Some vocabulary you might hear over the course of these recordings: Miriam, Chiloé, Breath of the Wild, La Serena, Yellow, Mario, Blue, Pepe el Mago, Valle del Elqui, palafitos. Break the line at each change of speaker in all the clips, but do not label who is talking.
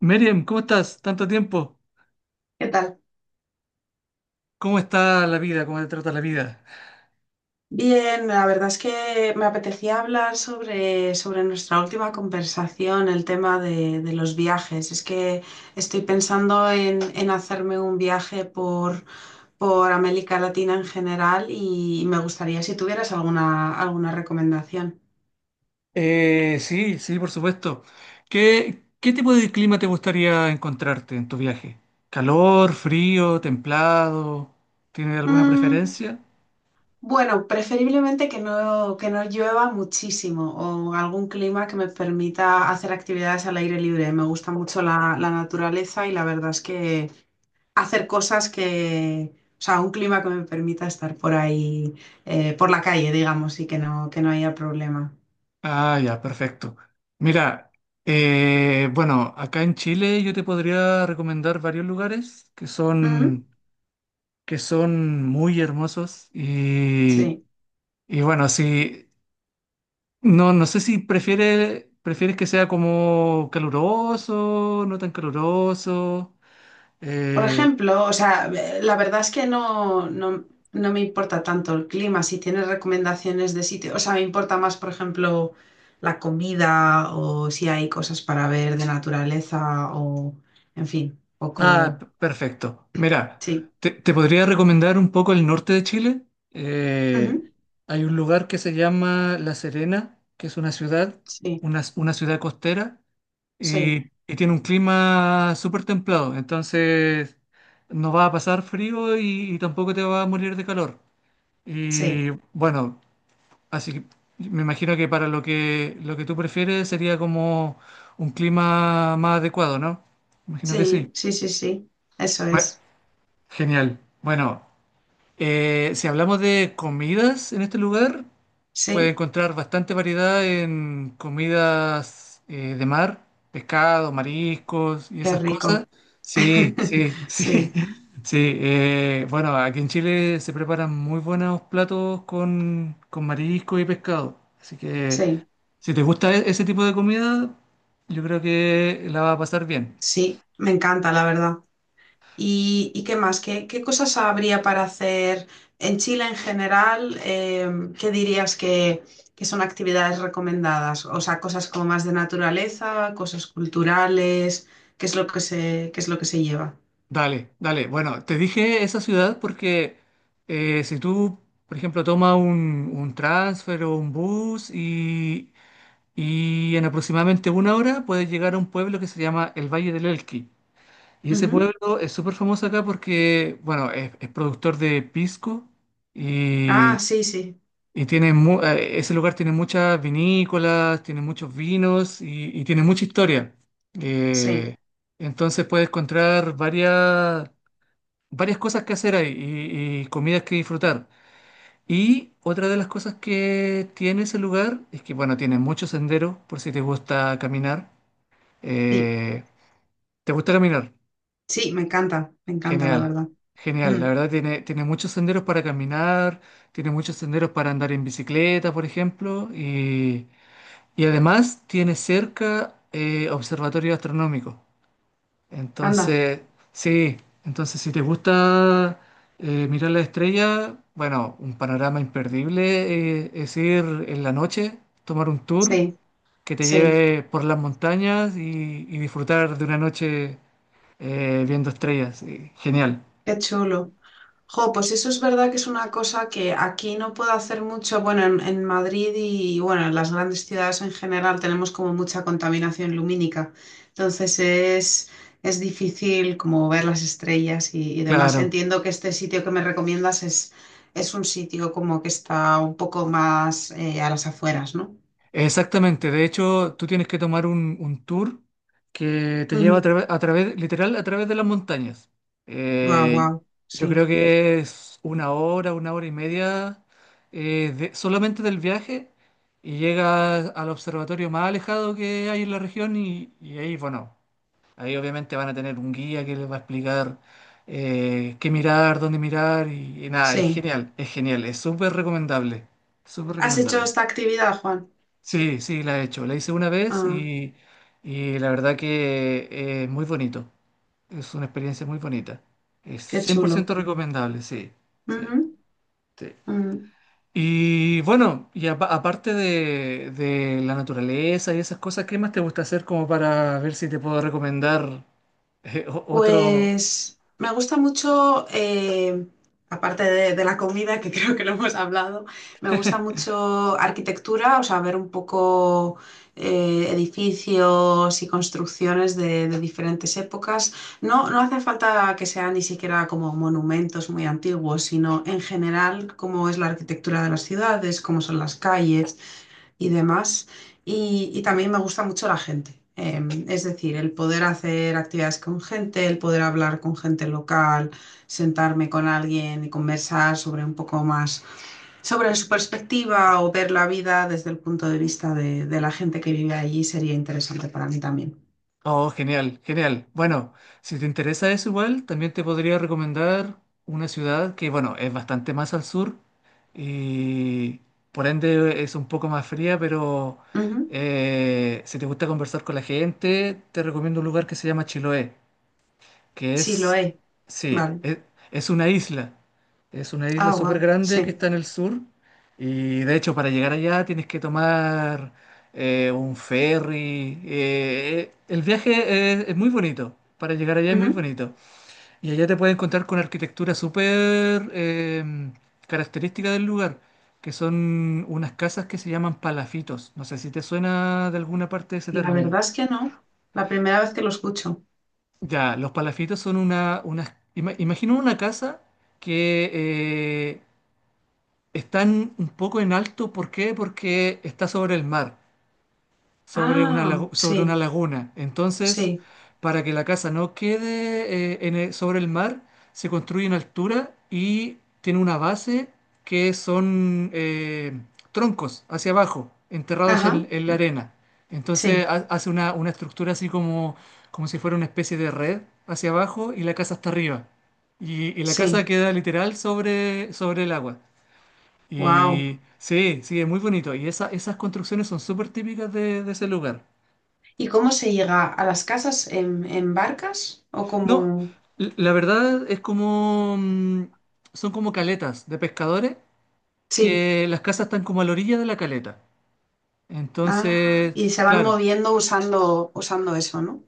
Miriam, ¿cómo estás? Tanto tiempo.
¿Qué tal?
¿Cómo está la vida? ¿Cómo te trata la vida?
Bien, la verdad es que me apetecía hablar sobre nuestra última conversación, el tema de los viajes. Es que estoy pensando en hacerme un viaje por América Latina en general y me gustaría si tuvieras alguna recomendación.
Sí, sí, por supuesto. ¿Qué tipo de clima te gustaría encontrarte en tu viaje? ¿Calor, frío, templado? ¿Tienes alguna
Mm,
preferencia?
bueno, preferiblemente que no llueva muchísimo o algún clima que me permita hacer actividades al aire libre. Me gusta mucho la naturaleza y la verdad es que hacer cosas que, o sea, un clima que me permita estar por ahí, por la calle, digamos, y que no haya problema.
Ah, ya, perfecto. Mira, bueno, acá en Chile yo te podría recomendar varios lugares que
Ujú.
son, que son muy hermosos y,
Sí.
y bueno, sí. No sé si prefieres que sea como caluroso, no tan caluroso.
Por
eh,
ejemplo, o sea, la verdad es que no me importa tanto el clima. Si tienes recomendaciones de sitio, o sea, me importa más, por ejemplo, la comida o si hay cosas para ver de naturaleza o, en fin, poco,
Perfecto. Mira,
sí.
te podría recomendar un poco el norte de Chile. Eh,
Ujú.
Hay un lugar que se llama La Serena, que es una ciudad,
Sí,
una ciudad costera,
sí,
y tiene un clima súper templado. Entonces, no va a pasar frío y tampoco te va a morir de calor.
sí,
Y bueno. Así que me imagino que para lo que tú prefieres sería como un clima más adecuado, ¿no? Imagino que sí.
sí, sí, sí, sí, eso
Bueno,
es,
genial. Bueno, si hablamos de comidas en este lugar. Puedes
sí.
encontrar bastante variedad en comidas de mar, pescado, mariscos y
Qué
esas cosas.
rico.
Sí, sí, sí,
Sí,
sí. Bueno, aquí en Chile se preparan muy buenos platos con marisco y pescado. Así que
sí,
si te gusta ese tipo de comida, yo creo que la va a pasar bien.
sí, me encanta, la verdad. Y qué más? ¿Qué, qué cosas habría para hacer en Chile en general? ¿Qué dirías que son actividades recomendadas? O sea, cosas como más de naturaleza, cosas culturales, ¿qué es lo que se, qué es lo que se lleva?
Dale, dale. Bueno, te dije esa ciudad porque si tú, por ejemplo, tomas un transfer o un bus y en aproximadamente una hora puedes llegar a un pueblo que se llama el Valle del Elqui. Y ese
Ujú.
pueblo es súper famoso acá porque, bueno, es productor de pisco
Ah,
y,
sí, sí,
y ese lugar tiene muchas vinícolas, tiene muchos vinos y tiene mucha historia.
sí,
Eh, entonces puedes encontrar varias cosas que hacer ahí y comidas que disfrutar. Y otra de las cosas que tiene ese lugar es que, bueno, tiene muchos senderos por si te gusta caminar.
sí,
Eh, ¿Te gusta caminar?
sí, me encanta, la
Genial,
verdad.
genial.
Mm,
La verdad tiene muchos senderos para caminar, tiene muchos senderos para andar en bicicleta, por ejemplo, y además tiene cerca observatorio astronómico.
anda,
Entonces, sí, entonces si te gusta mirar la estrella, bueno, un panorama imperdible es ir en la noche, tomar un tour
sí,
que te
sí.
lleve por las montañas y disfrutar de una noche viendo estrellas. Genial,
Qué chulo. Jo, pues eso es verdad que es una cosa que aquí no puedo hacer mucho. Bueno, en Madrid y bueno, en las grandes ciudades en general tenemos como mucha contaminación lumínica. Entonces es difícil como ver las estrellas y demás.
claro.
Entiendo que este sitio que me recomiendas es un sitio como que está un poco más a las afueras, ¿no?
Exactamente. De hecho, tú tienes que tomar un tour que te lleva
Ujú.
a través, literal, a través de las montañas.
Guau,
Eh,
guau. Sí,
yo creo que es una hora y media solamente del viaje y llegas al observatorio más alejado que hay en la región y ahí, bueno. Ahí obviamente van a tener un guía que les va a explicar qué mirar, dónde mirar y nada, es
sí.
genial, es genial, es súper recomendable, súper
¿Has hecho
recomendable.
esta actividad, Juan?
Sí, sí, la he hecho, la hice una vez
Ah,
y la verdad que es muy bonito, es una experiencia muy bonita, es
qué
cien por
chulo.
ciento recomendable, sí, sí,
Ujú,
sí.
ujú.
Y bueno, y aparte de la naturaleza y esas cosas, ¿qué más te gusta hacer como para ver si te puedo recomendar otro?
Pues me gusta mucho, aparte de la comida, que creo que lo hemos hablado, me gusta mucho arquitectura, o sea, ver un poco edificios y construcciones de diferentes épocas. No hace falta que sean ni siquiera como monumentos muy antiguos, sino en general cómo es la arquitectura de las ciudades, cómo son las calles y demás. Y también me gusta mucho la gente. Es decir, el poder hacer actividades con gente, el poder hablar con gente local, sentarme con alguien y conversar sobre un poco más, sobre su perspectiva o ver la vida desde el punto de vista de la gente que vive allí sería interesante para mí también.
Oh, genial, genial. Bueno, si te interesa eso igual, también te podría recomendar una ciudad que, bueno, es bastante más al sur y por ende es un poco más fría, pero
Ujú.
si te gusta conversar con la gente, te recomiendo un lugar que se llama Chiloé que
Sí, lo
es,
he.
sí,
Vale.
es una isla. Es una isla
Ah,
súper
wow.
grande que
Sí.
está en el sur y de hecho para llegar allá tienes que tomar un ferry. El viaje es muy bonito. Para llegar allá es muy
Ujú.
bonito. Y allá te puedes encontrar con arquitectura súper característica del lugar, que son unas casas que se llaman palafitos. No sé si te suena de alguna parte ese
La verdad
término.
es que no. La primera vez que lo escucho.
Ya, los palafitos son imagino una casa que eh, están un poco en alto. ¿Por qué? Porque está sobre el mar sobre una,
Ah,
lagu- sobre una
sí,
laguna. Entonces,
sí.
para que la casa no quede sobre el mar, se construye en altura y tiene una base que son troncos hacia abajo, enterrados
Ajá,
en la arena. Entonces
sí,
hace una estructura así como, como si fuera una especie de red hacia abajo y la casa hasta arriba. Y la casa
sí.
queda literal sobre, el agua.
Wow.
Y sí, sí, es muy bonito. Y esas construcciones son súper típicas de ese lugar.
¿Y cómo se llega a las casas en barcas? ¿O
No,
como...?
la verdad es como, son como caletas de pescadores
Sí.
que las casas están como a la orilla de la caleta.
Ah,
Entonces,
y se van
claro,
moviendo usando eso, ¿no?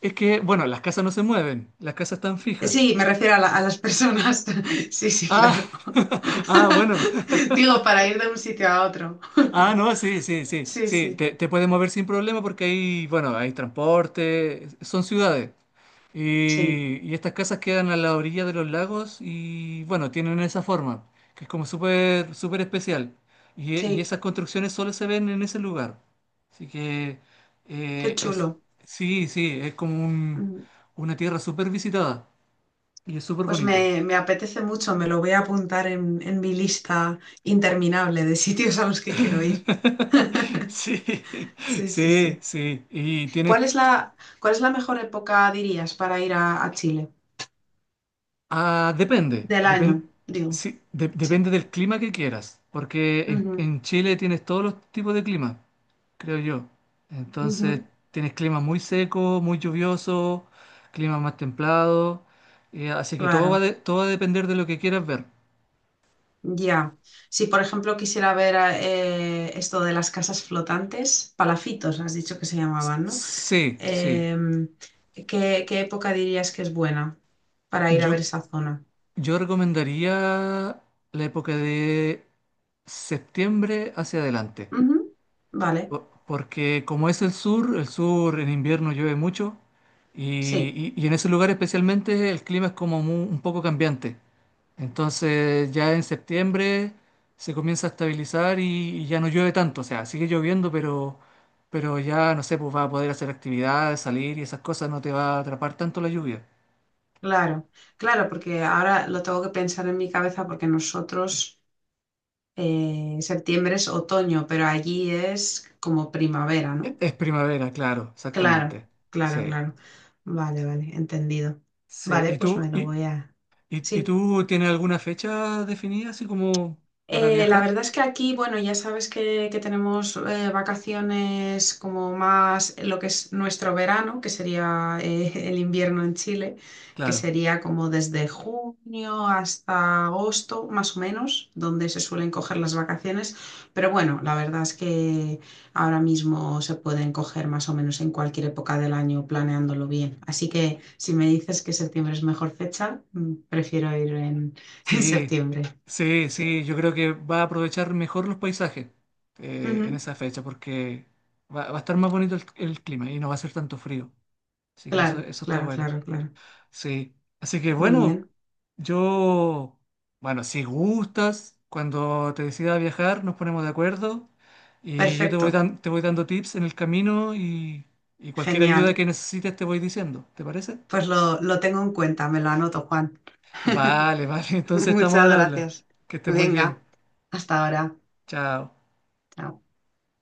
es que, bueno, las casas no se mueven, las casas están fijas.
Sí, me refiero a, a las personas. Sí, sí,
Ah,
claro.
ah, bueno.
Digo, para ir de un sitio a otro.
Ah, no, sí, sí, sí,
Sí,
sí,
sí.
te puedes mover sin problema porque hay, bueno, hay transporte, son ciudades.
Sí,
Y estas casas quedan a la orilla de los lagos y, bueno, tienen esa forma, que es como súper, súper especial. Y
sí.
esas construcciones solo se ven en ese lugar. Así que,
Qué
es,
chulo.
sí, sí, es como
Mm,
una tierra súper visitada y es súper
Pues
bonito.
me apetece mucho, me lo voy a apuntar en mi lista interminable de sitios a los que quiero ir.
Sí,
Sí, sí,
sí,
sí.
sí. Y tiene.
Cuál es la mejor época, dirías, para ir a Chile?
Ah,
Del año, digo.
sí,
Sí.
depende del clima que quieras, porque en,
Ujú,
en Chile tienes todos los tipos de clima, creo yo. Entonces,
ujú.
tienes clima muy seco, muy lluvioso, clima más templado, así que todo
Claro,
todo va a depender de lo que quieras ver.
ya. Si, por ejemplo, quisiera ver esto de las casas flotantes, palafitos, has dicho que se llamaban, ¿no?
Sí, sí.
Em, ¿Qué, qué época dirías que es buena para ir a ver
Yo,
esa zona?
yo recomendaría la época de septiembre hacia adelante.
Ujú. Vale,
Porque como es el sur en invierno llueve mucho y,
sí,
y- y en ese lugar especialmente el clima es como un poco cambiante. Entonces ya en septiembre se comienza a estabilizar y ya no llueve tanto. O sea, sigue lloviendo, pero, ya no sé, pues vas a poder hacer actividades, salir y esas cosas, no te va a atrapar tanto la lluvia.
claro. Claro, porque ahora lo tengo que pensar en mi cabeza porque nosotros... septiembre es otoño, pero allí es como primavera, ¿no?
Es primavera, claro,
Claro,
exactamente.
claro,
Sí.
claro. Vale, vale, entendido.
Sí.
Vale,
¿Y
pues me
tú, y,
lo voy a...
y, y
Sí,
tú tienes alguna fecha definida así como para
La
viajar?
verdad es que aquí, bueno, ya sabes que tenemos vacaciones como más lo que es nuestro verano, que sería el invierno en Chile, que
Claro,
sería como desde junio hasta agosto, más o menos, donde se suelen coger las vacaciones. Pero bueno, la verdad es que ahora mismo se pueden coger más o menos en cualquier época del año planeándolo bien. Así que si me dices que septiembre es mejor fecha, prefiero ir en, en
sí,
septiembre.
sí,
Sí.
sí, yo creo que va a aprovechar mejor los paisajes en
Ujú.
esa fecha porque va a estar más bonito el clima y no va a ser tanto frío. Así que eso,
Claro,
eso está
claro,
bueno.
claro, claro.
Sí, así que
Muy
bueno,
bien.
yo, bueno, si gustas, cuando te decidas viajar nos ponemos de acuerdo y yo
Perfecto.
te voy dando tips en el camino y cualquier ayuda
Genial.
que necesites te voy diciendo, ¿te parece?
Pues lo tengo en cuenta, me lo anoto, Juan.
Vale, vale, entonces estamos
Muchas
al habla.
gracias.
Que estés muy bien.
Venga, hasta ahora.
Chao.
Chao.